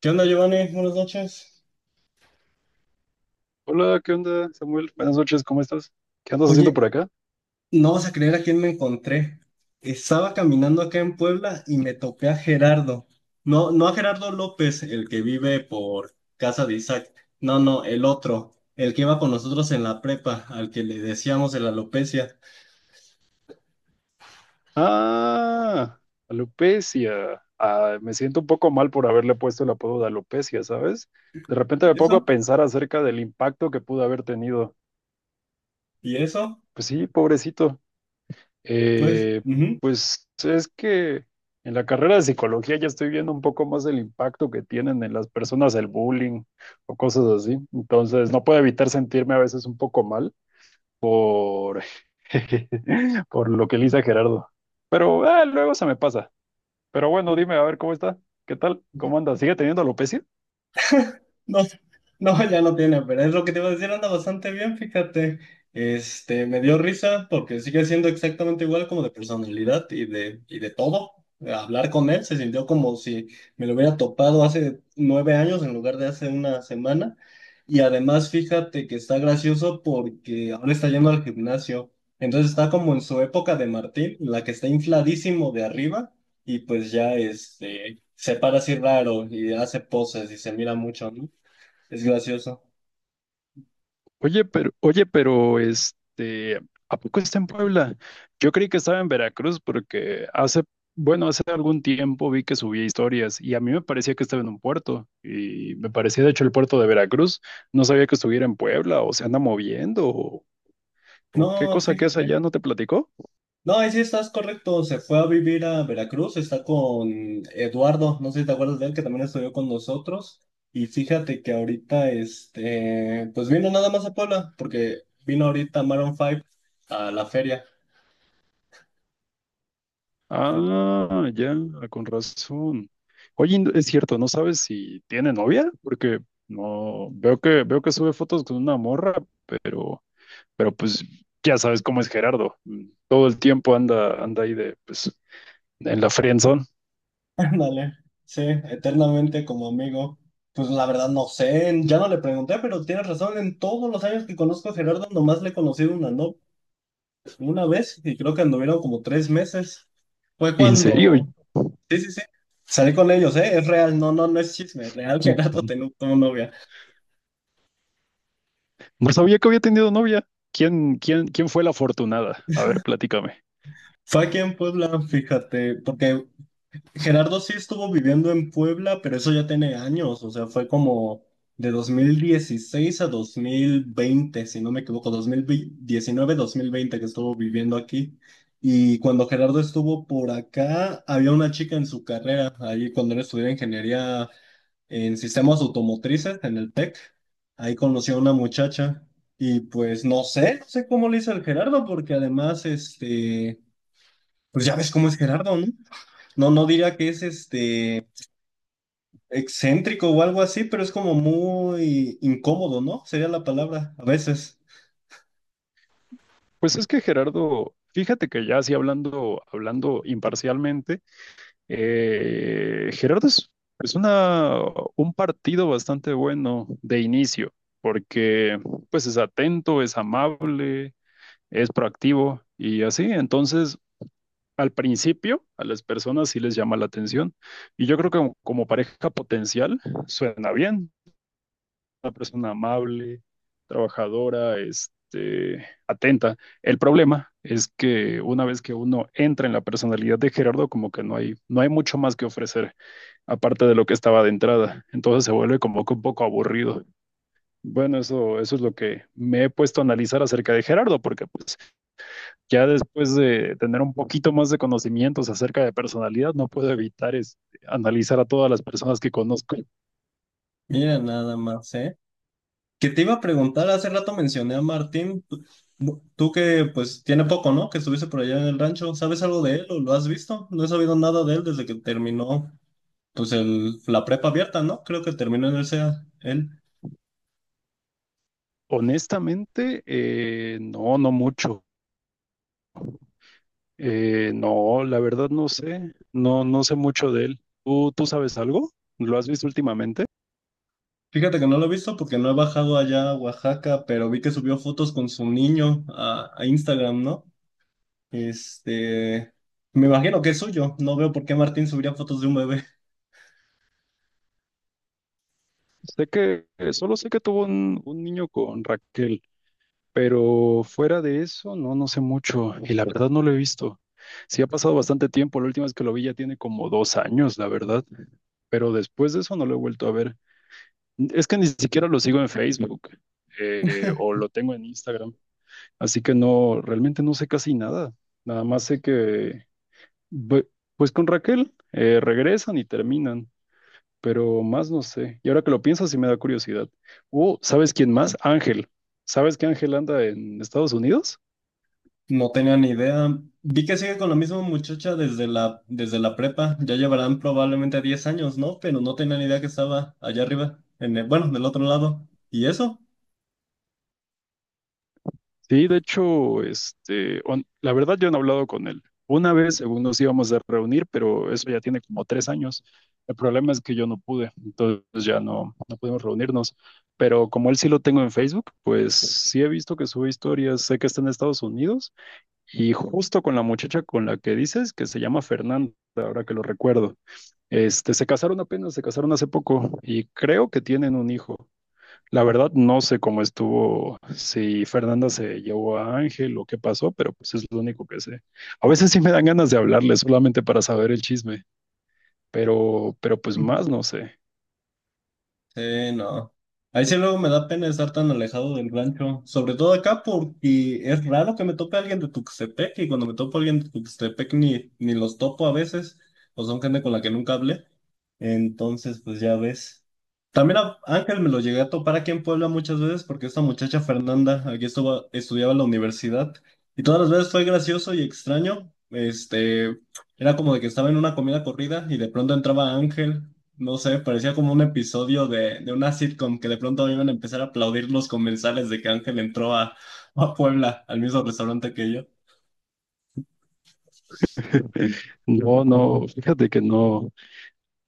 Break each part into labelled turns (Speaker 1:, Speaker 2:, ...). Speaker 1: ¿Qué onda, Giovanni? Buenas noches.
Speaker 2: Hola, ¿qué onda, Samuel? Buenas noches, ¿cómo estás? ¿Qué andas haciendo
Speaker 1: Oye,
Speaker 2: por acá?
Speaker 1: no vas a creer a quién me encontré. Estaba caminando acá en Puebla y me topé a Gerardo. No, no a Gerardo López, el que vive por casa de Isaac. No, no, el otro, el que iba con nosotros en la prepa, al que le decíamos de la alopecia.
Speaker 2: Ah, alopecia. Ah, me siento un poco mal por haberle puesto el apodo de alopecia, ¿sabes? De repente
Speaker 1: ¿Y
Speaker 2: me pongo a
Speaker 1: ¿Eso?
Speaker 2: pensar acerca del impacto que pudo haber tenido.
Speaker 1: ¿Y eso?
Speaker 2: Pues sí, pobrecito.
Speaker 1: Pues,
Speaker 2: Eh,
Speaker 1: ujú.
Speaker 2: pues es que en la carrera de psicología ya estoy viendo un poco más el impacto que tienen en las personas el bullying o cosas así. Entonces no puedo evitar sentirme a veces un poco mal. Por lo que Lisa Gerardo. Pero luego se me pasa. Pero bueno, dime a ver cómo está. ¿Qué tal? ¿Cómo anda? ¿Sigue teniendo alopecia?
Speaker 1: No, no, ya no tiene, pero es lo que te iba a decir, anda bastante bien, fíjate. Este, me dio risa porque sigue siendo exactamente igual como de personalidad y de todo. Hablar con él se sintió como si me lo hubiera topado hace 9 años en lugar de hace una semana. Y además, fíjate que está gracioso porque ahora está yendo al gimnasio. Entonces está como en su época de Martín, en la que está infladísimo de arriba y pues ya este, se para así raro y hace poses y se mira mucho, ¿no? Es gracioso.
Speaker 2: Oye, pero ¿a poco está en Puebla? Yo creí que estaba en Veracruz porque hace, bueno, hace algún tiempo vi que subía historias y a mí me parecía que estaba en un puerto y me parecía de hecho el puerto de Veracruz. No sabía que estuviera en Puebla o se anda moviendo o qué
Speaker 1: No,
Speaker 2: cosa que es
Speaker 1: fíjate.
Speaker 2: allá, ¿no te platicó?
Speaker 1: No, ahí sí estás correcto. Se fue a vivir a Veracruz. Está con Eduardo. No sé si te acuerdas de él, que también estudió con nosotros. Y fíjate que ahorita, este, pues vino nada más a Puebla, porque vino ahorita Maroon 5 a la feria.
Speaker 2: Ah, ya, ah, con razón. Oye, y es cierto, ¿no sabes si tiene novia? Porque no veo que veo que sube fotos con una morra, pero pues ya sabes cómo es Gerardo. Todo el tiempo anda ahí de pues en la friendzone.
Speaker 1: Ándale. Sí, eternamente como amigo. Pues la verdad no sé, ya no le pregunté, pero tienes razón. En todos los años que conozco a Gerardo, nomás le he conocido una, ¿no? Una vez, y creo que anduvieron como 3 meses, fue
Speaker 2: ¿En serio?
Speaker 1: cuando, sí, sí, sí, salí con ellos, ¿eh? Es real, no, no, no es chisme, real, Gerardo tenía como novia.
Speaker 2: No sabía que había tenido novia. ¿Quién fue la afortunada? A ver, platícame.
Speaker 1: Fue aquí en Puebla, fíjate, porque Gerardo sí estuvo viviendo en Puebla, pero eso ya tiene años, o sea, fue como de 2016 a 2020, si no me equivoco, 2019-2020 que estuvo viviendo aquí. Y cuando Gerardo estuvo por acá, había una chica en su carrera, ahí cuando él estudiaba ingeniería en sistemas automotrices en el TEC, ahí conoció a una muchacha y pues no sé, no sé cómo le hizo el Gerardo, porque además, este, pues ya ves cómo es Gerardo, ¿no? No, no diría que es este excéntrico o algo así, pero es como muy incómodo, ¿no? Sería la palabra, a veces.
Speaker 2: Pues es que Gerardo, fíjate que ya así hablando imparcialmente. Gerardo es un partido bastante bueno de inicio, porque pues es atento, es amable, es proactivo y así. Entonces, al principio, a las personas sí les llama la atención. Y yo creo que como, como pareja potencial suena bien, una persona amable, trabajadora, este, atenta. El problema es que una vez que uno entra en la personalidad de Gerardo, como que no hay, no hay mucho más que ofrecer aparte de lo que estaba de entrada. Entonces se vuelve como que un poco aburrido. Bueno, eso es lo que me he puesto a analizar acerca de Gerardo, porque pues ya después de tener un poquito más de conocimientos acerca de personalidad, no puedo evitar analizar a todas las personas que conozco.
Speaker 1: Mira, nada más, ¿eh? Que te iba a preguntar, hace rato mencioné a Martín, tú que pues tiene poco, ¿no? Que estuviste por allá en el rancho, ¿sabes algo de él o lo has visto? No he sabido nada de él desde que terminó, pues el, la prepa abierta, ¿no? Creo que terminó en el SEA, él.
Speaker 2: Honestamente, no, no mucho. No, la verdad no sé, no, no sé mucho de él. ¿Tú, tú sabes algo? ¿Lo has visto últimamente?
Speaker 1: Fíjate que no lo he visto porque no he bajado allá a Oaxaca, pero vi que subió fotos con su niño a Instagram, ¿no? Este, me imagino que es suyo. No veo por qué Martín subiría fotos de un bebé.
Speaker 2: Sé que, solo sé que tuvo un niño con Raquel. Pero fuera de eso, no, no sé mucho y la verdad no lo he visto. Sí ha pasado bastante tiempo, la última vez que lo vi ya tiene como dos años, la verdad, pero después de eso no lo he vuelto a ver. Es que ni siquiera lo sigo en Facebook, o lo tengo en Instagram, así que no, realmente no sé casi nada. Nada más sé que, bu- pues con Raquel regresan y terminan, pero más no sé. Y ahora que lo pienso, sí me da curiosidad. Oh, ¿sabes quién más? Ángel. ¿Sabes que Ángel anda en Estados Unidos?
Speaker 1: No tenía ni idea. Vi que sigue con la misma muchacha desde la prepa. Ya llevarán probablemente 10 años, ¿no? Pero no tenía ni idea que estaba allá arriba, en bueno, del otro lado. ¿Y eso?
Speaker 2: Sí, de hecho, la verdad yo no he hablado con él. Una vez, según nos íbamos a reunir, pero eso ya tiene como tres años. El problema es que yo no pude, entonces ya no, no pudimos reunirnos. Pero como él sí lo tengo en Facebook, pues sí he visto que sube historias, sé que está en Estados Unidos y justo con la muchacha con la que dices, que se llama Fernanda, ahora que lo recuerdo. Se casaron apenas, se casaron hace poco y creo que tienen un hijo. La verdad, no sé cómo estuvo, si Fernanda se llevó a Ángel o qué pasó, pero pues es lo único que sé. A veces sí me dan ganas de hablarle solamente para saber el chisme, pero pues más no sé.
Speaker 1: Sí, no. Ahí sí luego me da pena estar tan alejado del rancho, sobre todo acá porque es raro que me tope alguien de Tuxtepec y cuando me topo alguien de Tuxtepec ni los topo a veces, o son gente con la que nunca hablé, entonces pues ya ves. También a Ángel me lo llegué a topar aquí en Puebla muchas veces porque esta muchacha Fernanda aquí estuvo, estudiaba en la universidad y todas las veces fue gracioso y extraño, este, era como de que estaba en una comida corrida y de pronto entraba Ángel. No sé, parecía como un episodio de una sitcom que de pronto iban a empezar a aplaudir los comensales de que Ángel entró a, a Puebla, al mismo restaurante que yo.
Speaker 2: No, no, fíjate que no,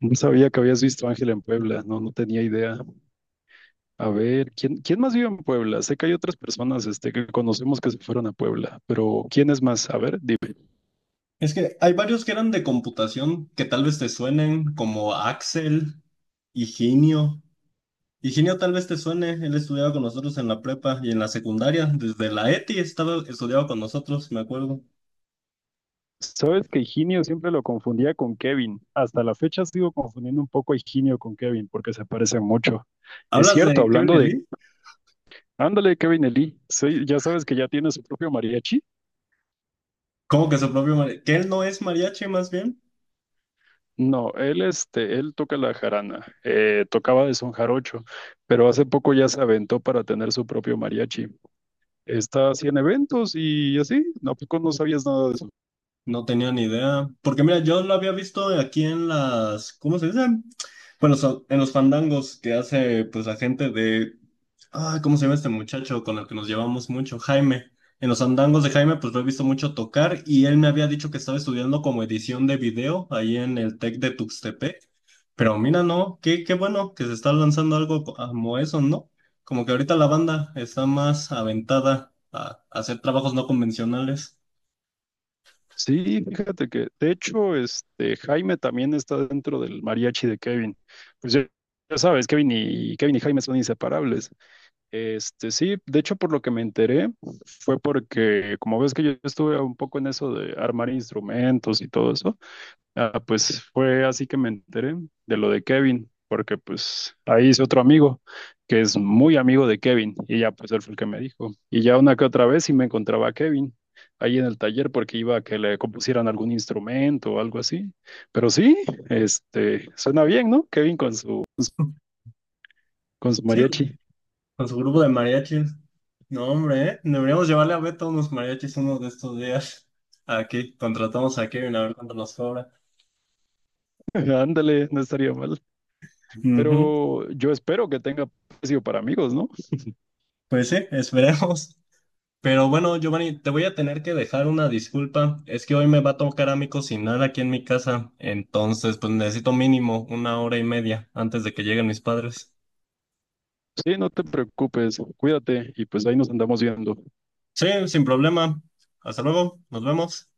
Speaker 2: no sabía que habías visto a Ángel en Puebla, no, no tenía idea. A ver, ¿quién, quién más vive en Puebla? Sé que hay otras personas, este, que conocemos que se fueron a Puebla, pero ¿quién es más? A ver,
Speaker 1: Es que hay varios que eran de computación que tal vez te suenen, como Axel, Higinio. Higinio tal vez te suene, él estudiaba con nosotros en la prepa y en la secundaria, desde la ETI estaba estudiaba con nosotros, me acuerdo.
Speaker 2: sabes que Higinio siempre lo confundía con Kevin. Hasta la fecha sigo confundiendo un poco a Higinio con Kevin porque se parecen mucho. Es
Speaker 1: ¿Hablas
Speaker 2: cierto,
Speaker 1: de Kevin
Speaker 2: hablando de...
Speaker 1: Lee?
Speaker 2: Ándale, Kevin Eli. Sí, ya sabes que ya tiene su propio mariachi.
Speaker 1: ¿Cómo que su propio mariachi? ¿Que él no es mariachi más bien?
Speaker 2: No, él, este, él toca la jarana. Tocaba de son jarocho, pero hace poco ya se aventó para tener su propio mariachi. Está así en eventos y así. ¿A poco no sabías nada de eso?
Speaker 1: No tenía ni idea. Porque mira, yo lo había visto aquí en las, ¿cómo se dice? Bueno, en los fandangos que hace pues la gente de, ah, ¿cómo se llama este muchacho con el que nos llevamos mucho? Jaime. En los fandangos de Jaime pues lo he visto mucho tocar y él me había dicho que estaba estudiando como edición de video ahí en el Tec de Tuxtepec. Pero mira, no, qué, qué bueno que se está lanzando algo como eso, ¿no? Como que ahorita la banda está más aventada a hacer trabajos no convencionales.
Speaker 2: Sí, fíjate que, de hecho, este Jaime también está dentro del mariachi de Kevin. Pues ya, ya sabes, Kevin y Jaime son inseparables. Este, sí, de hecho, por lo que me enteré, fue porque, como ves que yo estuve un poco en eso de armar instrumentos y todo eso. Ah, pues fue así que me enteré de lo de Kevin, porque pues ahí hice otro amigo que es muy amigo de Kevin y ya pues él fue el que me dijo. Y ya una que otra vez sí me encontraba a Kevin ahí en el taller porque iba a que le compusieran algún instrumento o algo así. Pero sí, suena bien, ¿no? Kevin con su
Speaker 1: Sí,
Speaker 2: mariachi.
Speaker 1: con su grupo de mariachis. No, hombre, ¿eh? Deberíamos llevarle a Beto unos mariachis uno de estos días. Aquí, contratamos a Kevin a ver cuánto nos cobra.
Speaker 2: Ándale, no estaría mal.
Speaker 1: Ujú.
Speaker 2: Pero yo espero que tenga precio para amigos, ¿no?
Speaker 1: Pues sí, esperemos. Pero bueno, Giovanni, te voy a tener que dejar una disculpa. Es que hoy me va a tocar a mí cocinar aquí en mi casa. Entonces, pues necesito mínimo una hora y media antes de que lleguen mis padres.
Speaker 2: Sí, no te preocupes, cuídate y pues ahí nos andamos viendo.
Speaker 1: Sí, sin problema. Hasta luego, nos vemos.